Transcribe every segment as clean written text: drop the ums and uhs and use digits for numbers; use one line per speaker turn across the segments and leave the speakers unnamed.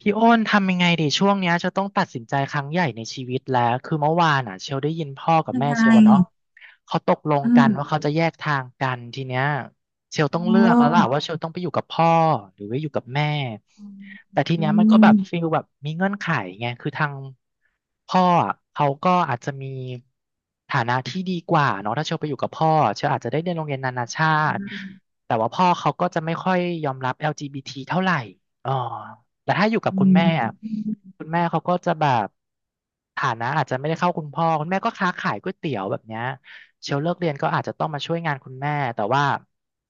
พี่อ้นทำยังไงดีช่วงเนี้ยเชลต้องตัดสินใจครั้งใหญ่ในชีวิตแล้วคือเมื่อวานอ่ะเชลได้ยินพ่อกับ
ยัง
แม่
ไง
เชลอะเนาะเขาตกลง
อื
กันว่า
ม
เขาจะแยกทางกันทีเนี้ยเชลต้องเลือ
โอ้
กแล้วล่ะว่าเชลต้องไปอยู่กับพ่อหรือว่าอยู่กับแม่แต่ที
อื
เนี้ยมันก็แบบฟี
ม
ลแบบมีเงื่อนไขไงคือทางพ่ออะเขาก็อาจจะมีฐานะที่ดีกว่าเนาะถ้าเชลไปอยู่กับพ่อเชลอาจจะได้เรียนโรงเรียนนานาชา
อื
ติ
ม
แต่ว่าพ่อเขาก็จะไม่ค่อยยอมรับ LGBT เท่าไหร่อ๋อ แต่ถ้าอยู่กับคุ
อื
ณแม่อะ
ม
คุณแม่เขาก็จะแบบฐานะอาจจะไม่ได้เข้าคุณพ่อคุณแม่ก็ค้าขายก๋วยเตี๋ยวแบบเนี้ยเชลเลิกเรียนก็อาจจะต้องมาช่วยงานคุณแม่แต่ว่า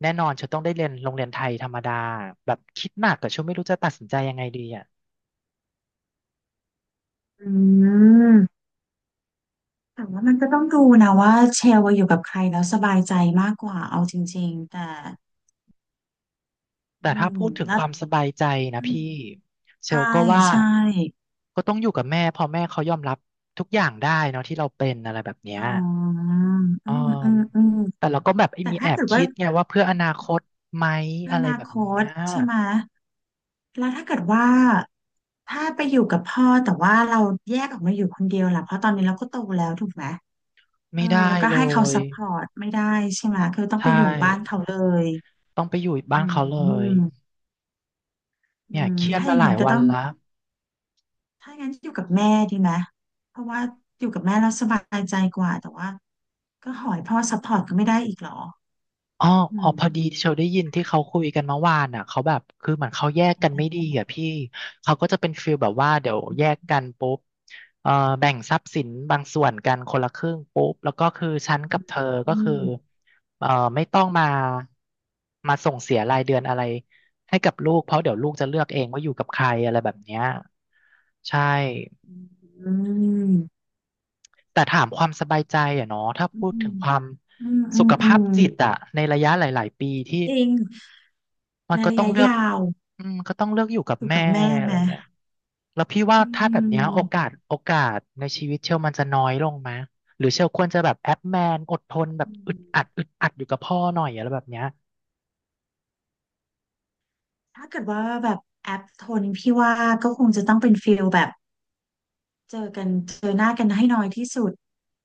แน่นอนเชลต้องได้เรียนโรงเรียนไทยธรรมดาแบบคิดหนักกับเชลไม่รู้จะตัดสินใจยังไงดีอ่ะ
อืมแต่ว่ามันก็ต้องดูนะว่าเชลว่าอยู่กับใครแล้วสบายใจมากกว่าเอาจริงๆแต่อื
แต่ถ้า
ม
พูดถึง
แล้
ค
ว
วามสบายใจนะ
อืม
พี่เช
ใช่
ลก็ว่า
ใช่
ก็ต้องอยู่กับแม่พอแม่เขายอมรับทุกอย่างได้เนาะที่เราเป็นอะไรแบบเนี้ย
อ๋ออืมอื
อ่
ม
า
อืม
แต่เราก็แบบไอ้
แต่
มีแอ
ถ้า
บ
เกิดว่า
คิดไงว่าเพื่ออนาคตไหม
อ
อะไร
นา
แบบ
ค
เนี้
ต
ย
ใช่ไหมแล้วถ้าเกิดว่าถ้าไปอยู่กับพ่อแต่ว่าเราแยกออกมาอยู่คนเดียวล่ะเพราะตอนนี้เราก็โตแล้วถูกไหม เอ
ไม่
อ
ได้
แล้วก็
เล
ให้เขา
ย
ซัพพอร์ตไม่ได้ใช่ไหมคือต้องไป
ใช่
อยู่บ้านเขาเลย
ต้องไปอยู่บ้า
อื
น
ม
เขาเล
อื
ย
มอื
เนี่ย
ม
เครียด
ถ้าอ
มา
ย่าง
หลา
นั้
ย
นก็
วัน
ต้อง
ละ
ถ้าอย่างนั้นอยู่กับแม่ดีไหมเพราะว่าอยู่กับแม่แล้วสบายใจกว่าแต่ว่าก็หอยพ่อซัพพอร์ตก็ไม่ได้อีกเหรอ
อ๋อ
อื
อ๋อ
ม
พอดีเชลได้ยินที่เขาคุยกันเมื่อวานอ่ะเขาแบบคือเหมือนเขาแยกกันไม่ดีอ่ะพี่เขาก็จะเป็นฟีลแบบว่าเดี๋ยวแยกกันปุ๊บเอ่อแบ่งทรัพย์สินบางส่วนกันคนละครึ่งปุ๊บแล้วก็คือฉันกับเธอ
อื
ก็คือ
ม
เอ่อไม่ต้องมาส่งเสียรายเดือนอะไรให้กับลูกเพราะเดี๋ยวลูกจะเลือกเองว่าอยู่กับใครอะไรแบบเนี้ยใช่
อืมอืม
แต่ถามความสบายใจอะเนาะถ้า
อื
พูดถึง
ม
ความ
อืมอื
สุ
ม
ข
อื
ภาพ
ม
จิตอะในระยะหลายๆปีที่
จริง
มัน
ใน
ก็
ระ
ต้อง
ยะ
เลือก
ยาว
อืมก็ต้องเลือกอยู่กับ
อยู่
แม่
กับแม่
อะ
ไห
ไร
ม
เงี้ยแล้วพี่ว่า
อื
ถ้าแบบเนี้ย
ม
โอกาสในชีวิตเชลมันจะน้อยลงไหมหรือเชลควรจะแบบแอปแมนอดทนแบบ
อืม
อึดอัดอยู่กับพ่อหน่อยอะไรแบบเนี้ย
ถ้าเกิดว่าแบบแอปโทนพี่ว่าก็คงจะต้องเป็นฟิลแบบเจอกันเจอหน้ากันให้น้อยที่สุด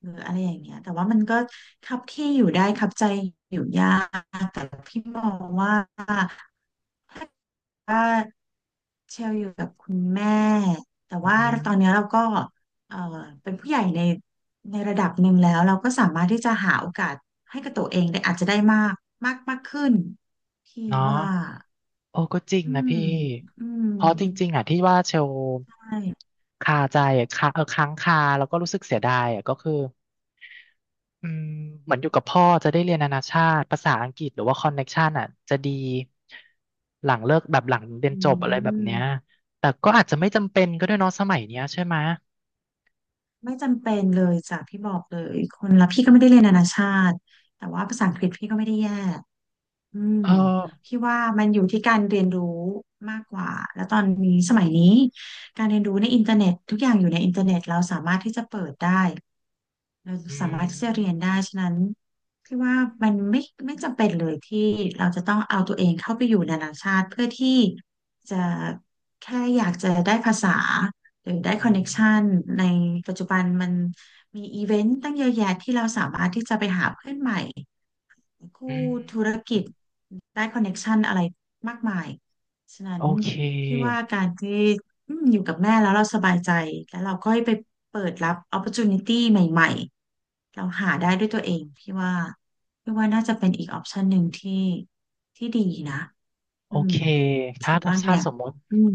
หรืออะไรอย่างเงี้ยแต่ว่ามันก็คับที่อยู่ได้คับใจอยู่ยากแต่พี่มองว่าถ้าเกิดว่าเชลอยู่กับคุณแม่แต่
อือ
ว่า
หือ
ตอนนี้ยเราก็เอ่อเป็นผู้ใหญ่ในระดับหนึ่งแล้วเราก็สามารถที่จะหาโอกาสให้กับตัวเองได้อาจจะได้มากมากมากขึ้นพี่
เนาะ
ว่า
โอ้ก็จริง
อื
นะ
ม
พี่
อืม
เพราะจริงๆอ่ะที่ว่าเชล
ใช่
คาใจอะคาค้างคาแล้วก็รู้สึกเสียดายอ่ะก็คือ อืมเหมือนอยู่กับพ่อจะได้เรียนนานาชาติภาษาอังกฤษหรือว่าคอนเน็กชันอ่ะจะดีหลังเลิกแบบหลังเรียน
อื
จบอะไรแบบเนี้ย
ม
แต่ก็อาจจะไม่จำเป็นก็ด้วยเนาะสมัยเนี้ยใช่ไหม
ไม่จำเป็นเลยจากพี่บอกเลยคนละพี่ก็ไม่ได้เรียนนานาชาติแต่ว่าภาษาอังกฤษพี่ก็ไม่ได้แย่ อืม
เออ
พี่ว่ามันอยู่ที่การเรียนรู้มากกว่า แล้วตอนนี้สมัยนี้การเรียนรู้ในอินเทอร์เน็ตทุกอย่างอยู่ในอินเทอร์เน็ตเราสามารถที่จะเปิดได้เรา
อื
สามารถที่จะเรียน
ม
ได้ฉะนั้นพี่ว่ามันไม่จำเป็นเลยที่เราจะต้องเอาตัวเองเข้าไปอยู่นานาชาติเพื่อที่จะแค่อยากจะได้ภาษาหรือได้ค
อื
อนเน็กชัน
ม
ในปัจจุบันมันมีอีเวนต์ตั้งเยอะแยะที่เราสามารถที่จะไปหาเพื่อนใหม่ คู่
อืม
ธุรกิจได้คอนเน็กชันอะไรมากมาย ฉะนั้
โอ
น
เค
พี่ว่าการที่อืมอยู่กับแม่แล้วเราสบายใจแล้วเราค่อยไปเปิดรับ opportunity ใหม่ๆเราหาได้ด้วยตัวเองพี่ว่าพี่ว่าน่าจะเป็นอีกออปชันหนึ่งที่ดีนะ
โอ
อืม
เคถ้า
เชื่อ
ถ้า
ว่า
ถ้า
ไง
สมมติ
อืม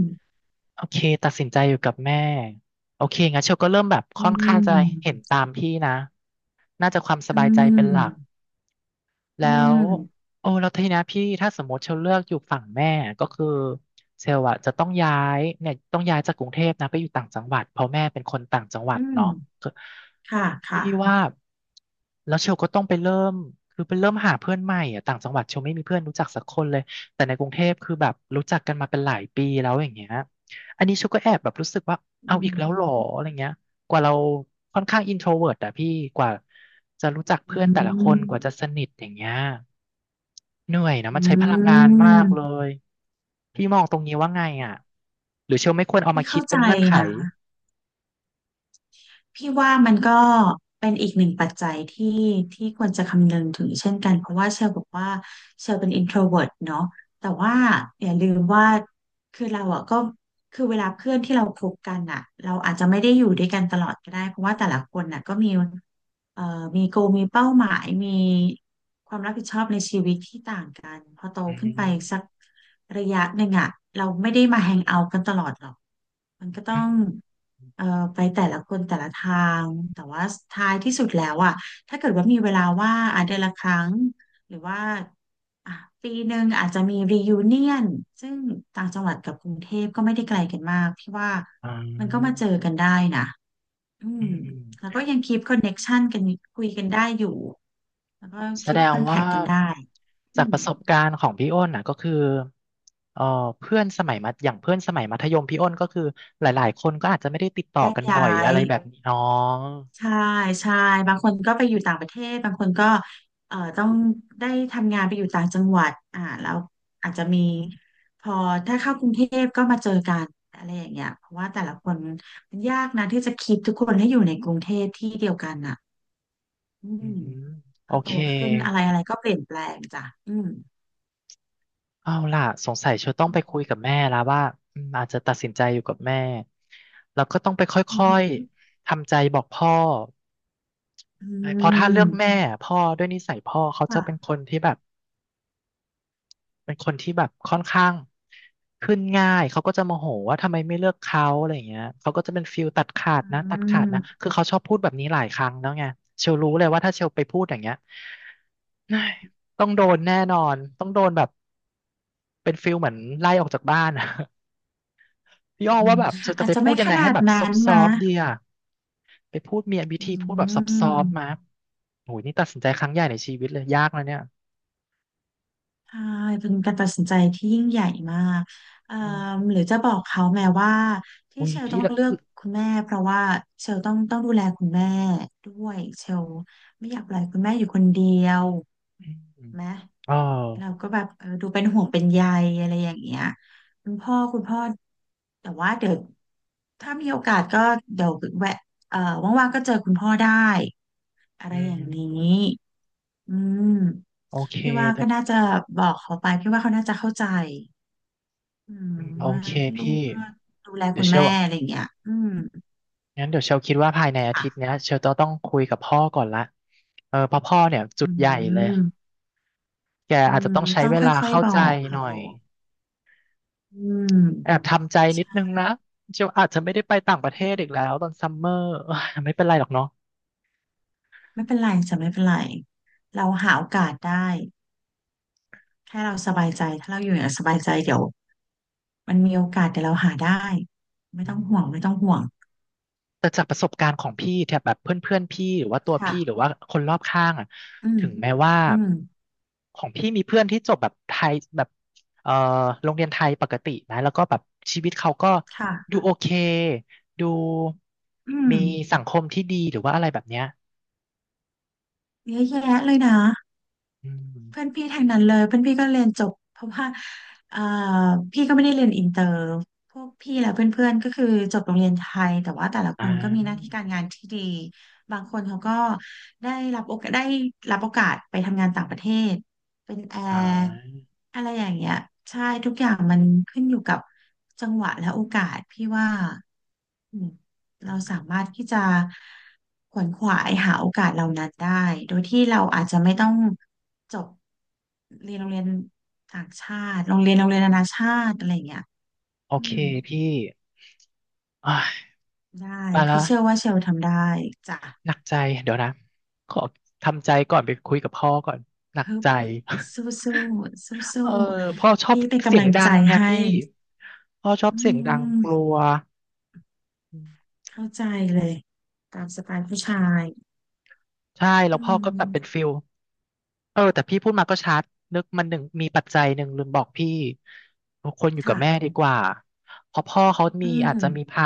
โอเคตัดสินใจอยู่กับแม่โอเคงั้นเชลก็เริ่มแบบ
อื
ค่อนข้างจะเห็น
ม
ตามพี่นะน่าจะความส
อื
บายใจเป็นห
ม
ลัก
อื
แล้ว
ม
โอ้แล้วทีนะพี่ถ้าสมมติเชลเลือกอยู่ฝั่งแม่ก็คือเชลอะจะต้องย้ายเนี่ยต้องย้ายจากกรุงเทพนะไปอยู่ต่างจังหวัดเพราะแม่เป็นคนต่างจังหวัด
อืม
เนาะคือ
ค่ะ
พี่
ค่ะ
ว่าแล้วเชลก็ต้องไปเริ่มไปเริ่มหาเพื่อนใหม่อะต่างจังหวัดเชลไม่มีเพื่อนรู้จักสักคนเลยแต่ในกรุงเทพคือแบบรู้จักกันมาเป็นหลายปีแล้วอย่างเงี้ยอันนี้เชลก็แอบแบบรู้สึกว่า
อื
เอาอีกแล้ว
ม
เหรออะไรเงี้ย กว่าเราค่อนข้างอินโทรเวิร์ตอะพี่กว่าจะรู้จัก
อื
เพื่อนแต่ละค
ม
นกว่าจะสนิทอย่างเงี้ยเหนื่อยนะมั
อื
นใช้พลังงานมาก
ม
เลยพี่มองตรงนี้ว่าไงอ่ะหรือเชลไม่ควรเอามา
พี่
คิด
เข้า
เป็
ใจ
นเงื่อนไข
นะพี่ว่ามันก็เป็นอีกหนึ่งปัจจัยที่ควรจะคำนึงถึงเช่นกันเพราะว่าเชลบอกว่าเชลเป็น introvert เนาะแต่ว่าอย่าลืมว่าคือเราอ่ะก็คือเวลาเพื่อนที่เราคบกันอ่ะเราอาจจะไม่ได้อยู่ด้วยกันตลอดก็ได้เพราะว่าแต่ละคนน่ะก็มีเอ่อมีโกมีเป้าหมายมีความรับผิดชอบในชีวิตที่ต่างกันพอโต
อื
ขึ้นไป
ม
สักระยะหนึ่งอ่ะเราไม่ได้มาแฮงเอาท์กันตลอดหรอกมันก็ต้อ
อืม
ง เอ่อไปแต่ละคนแต่ละทางแต่ว่าท้ายที่สุดแล้วอ่ะถ้าเกิดว่ามีเวลาว่างอ่ะเดือนละครั้งหรือว่าอ่ะปีหนึ่งอาจจะมี reunion ซึ่งต่างจังหวัดกับกรุงเทพก็ไม่ได้ไกลกันมากพี่ว่า
อ่
มันก็มา
า
เจอกันได้นะอืม
อื
แล้ว
ม
ก็ยังคีปคอนเน็กชันกันคุยกันได้อยู่แล้วก็
แส
คี
ด
ปค
ง
อนแท
ว่า
คกันได้อื
จากป
ม
ระสบการณ์ของพี่อ้นนะก็คือเอ่อเพื่อนสมัยมัธอย่างเพื่อนสมัยมัธยมพี่อ้นก็คือหลายๆคนก็อาจจะไม่ได้ติดต่อ
แยก
กันบ่
ย้า
อยอะ
ย
ไรแบบนี้เนาะ
ใช่ใช่บางคนก็ไปอยู่ต่างประเทศบางคนก็ต้องได้ทำงานไปอยู่ต่างจังหวัดอ่าแล้วอาจจะมีพอถ้าเข้ากรุงเทพก็มาเจอกันอะไรอย่างเงี้ยเพราะว่าแต่ละคนมันยากนะที่จะคิดทุกคนให้อยู่ในกรุงเทพที่เดียวกันอ่ะอื
อื
ม
ม
พ
โอ
อโต
เค
ขึ้นอะไรอะไรก็เปลี่ยนแปลงจ้ะอืม
เอาล่ะสงสัยเชลต้อง
อื
ไปคุ
ม
ยกับแม่แล้วว่าอืมอาจจะตัดสินใจอยู่กับแม่แล้วก็ต้องไปค
อือ
่อ
หือ
ยๆทำใจบอกพ่อ
อื
ใช่เพราะถ้าเลือกแม่
ม
พ่อด้วยนิสัยพ่อเขาจะเป็น
ค่ะ
คนที่แบบ เป็นคนที่แบบค่อนข้างขึ้นง่าย เขาก็จะโมโหว่าทำไมไม่เลือกเขาอะไรอย่างเงี้ยเขาก็จะเป็นฟิลตัดขาด
อื
นะตัดขาดนะ
ม
คือเขาชอบพูดแบบนี้หลายครั้งแล้วไงเชลรู้เลยว่าถ้าเชลไปพูดอย่างเงี้ย เฮ้ยต้องโดนแน่นอนต้องโดนแบบเป็นฟิลเหมือนไล่ออกจากบ้านอะ พี่อ้อ
อื
ว่า
ม
แบบเชลจะ
อาจ
ไป
จะ
พู
ไม่
ดยัง
ข
ไง
นา
ให้
ด
แบบ
นั้
ซอฟ
น
ซอ
มา
ฟดีอะไปพูดมีวิ
อื
ธีพูดแบบซอฟซอฟมา
ม
โหยนี่ตัดสินใจครั้งใหญ่ในชีวิตเลยยากนะเนี่ย
ใช่เป็นการตัดสินใจที่ยิ่งใหญ่มากเอ่อ
อ๋อ
หรือจะบอกเขาแม้ว่าที่
อุ้ย
เชล
พี่
ต้อง
ละ
เลือกคุณแม่เพราะว่าเชลต้องดูแลคุณแม่ด้วยเชลไม่อยากปล่อยคุณแม่อยู่คนเดียว
อม
ไหม
อ๋อ
เราก็แบบเออดูเป็นห่วงเป็นใยอะไรอย่างเงี้ยคุณพ่อแต่ว่าเดี๋ยวถ้ามีโอกาสก็เดี๋ยวแวะเอ่อว่างๆก็เจอคุณพ่อได้อะไร
อื
อย่างนี้
ม
อืม
โอเค
พี่ว่า
แต่
ก็น่าจะบอกเขาไปพี่ว่าเขาน่าจะเข้าใจอืม
อืมโอ
ว่า
เค
ลูก
พี่
ก็ดูแล
เดี๋ย
คุ
ว
ณ
เช
แม่
ล
อะไรอย่างเงี้ยอืม
งั้นเดี๋ยวเชลคิดว่าภายในอาทิตย์เนี้
ค่ะ
ยเชลต้องคุยกับพ่อก่อนละเออเพราะพ่อเนี่ยจุ
อื
ดใหญ่เลย
ม
แก
อื
อาจจะ
ม
ต้องใช้
ต้อง
เว
ค
ลา
่อย
เข้า
ๆบอ
ใจ
ก
ห
เขา
น่อย
อืม
แอบทำใจนิดนึงนะเชลอาจจะไม่ได้ไปต่างประเทศอีกแล้วตอนซัมเมอร์เอ้ยไม่เป็นไรหรอกเนาะ
ไม่เป็นไรจะไม่เป็นไรเราหาโอกาสได้แค่เราสบายใจถ้าเราอยู่อย่างสบายใจเดี๋ยวมันมีโอกาสเดี๋ยวเราหาได้ไม่ต้
อื
องห่วง
ม
ไม่ต้องห่วง
แต่จากประสบการณ์ของพี่แถบแบบเพื่อนๆพอนพี่หรือว่าตัวพี่หรือ
ค่ะ
ว่าคนรอบข้างอ่ะ
อืม
ถึงแม้ว่า
อืม
ของพี่มีเพื่อนที่จบแบบไทยแบบเอ่อโรงเรียนไทยปกตินะแล้วก็แบบชีวิตเขาก็ดู
ค่ะ
โอเคดู
อืม
มีสังคมที่ดีหรือว่าอะไรแบบเนี้ย
เยอะแยะเลยนะ
อื
เพื่อน
ม
พี่ทางนั้นเลยเพื่อนพี่ก็เรียนจบเพราะว่าเอ่อพี่ก็ไม่ได้เรียนอินเตอร์พวกพี่และเพื่อนๆก็คือจบโรงเรียนไทยแต่ว่าแต่ละค
อ่
นก็มีหน้าที่
า
การงานที่ดีบางคนเขาก็ได้ได้รับโอกาสไปทำงานต่างประเทศเป็นแอ
อ่
ร์
า
อะไรอย่างเงี้ยใช่ทุกอย่างมันขึ้นอยู่กับจังหวะและโอกาสพี่ว่าอืม
อื
เราสา
ม
มารถที่จะขวนขวายหาโอกาสเหล่านั้นได้โดยที่เราอาจจะไม่ต้อง จบเรียนโรงเรียนต่างชาติโรงเรียนนานาชาติอะไรอย่างเงี้ย
โอ
อื
เค
ม
พี่อ่า
ได้
ไปละ
พี่เชื่อว่าเชลทำได้จ้ะ
หนักใจเดี๋ยวนะขอทำใจก่อนไปคุยกับพ่อก่อนหนัก
ฮึบ
ใจ
สู้สู้สู้
เอ
สู้
อพ่อช
ๆ
อบ
พี่เป็น
เสี
กำ
ย
ลั
ง
ง
ดั
ใจ
งไง
ให้
พี่พ่อชอบ
อื
เสียงดังก
ม
ลัวอืม
เข้าใจเลยตามสไตล์ผู้ชาย
ใช่แล้
อื
วพ่อก็แบบเป็น
ม
ฟิลเออแต่พี่พูดมาก็ชัดนึกมันหนึ่งมีปัจจัยหนึ่งลืมบอกพี่คนอยู่กับ
ค่ะ
แม่ดีกว่าเพราะพ่อเขา
อื
มีอาจจะมี
ม
พา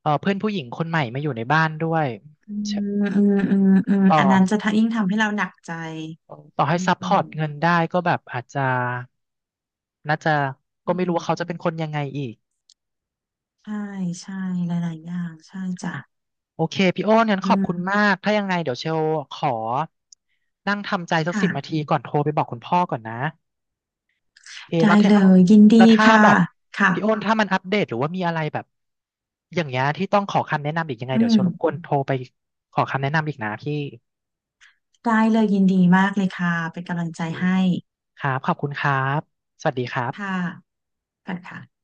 เออเพื่อนผู้หญิงคนใหม่มาอยู่ในบ้านด้วย
อืมอืมอืมอืม
ต่
อันนั้นจะ
อ
ทะยิ่งทำให้เราหนักใจ
ต่อให้
อื
ซัพพอร์ตเงิน
ม
ได้ก็แบบอาจจะน่าจะก็
อื
ไม่รู้
ม
ว่าเขาจะเป็นคนยังไงอีก
ใช่ใช่หลายๆอย่างใช่จ้ะ
โอเคพี่โอ้นงั้น
อื
ขอบคุณ
ม
มากถ้ายังไงเดี๋ยวเชลขอนั่งทำใจสัก
ค่ะ
10 นาทีก่อนโทรไปบอกคุณพ่อก่อนนะโอเค
ได้
แล้วถ้า
เลยยิน
แล้
ดี
วถ้า
ค่ะ
แบบ
ค่ะ
พี่โอ้นถ้ามันอัปเดตหรือว่ามีอะไรแบบอย่างเงี้ยที่ต้องขอคำแนะนำอีกยังไง
อื
เดี๋ยว
ม
เชลรบกวนโทรไปขอคำแนะนำอีกนะพี่
ได้เลยยินดีมากเลยค่ะ เป็นกำลั
โอ
งใจ
เค
ให้
ครับขอบคุณครับสวัสดีครับ
ค่ะค่ะค่ะ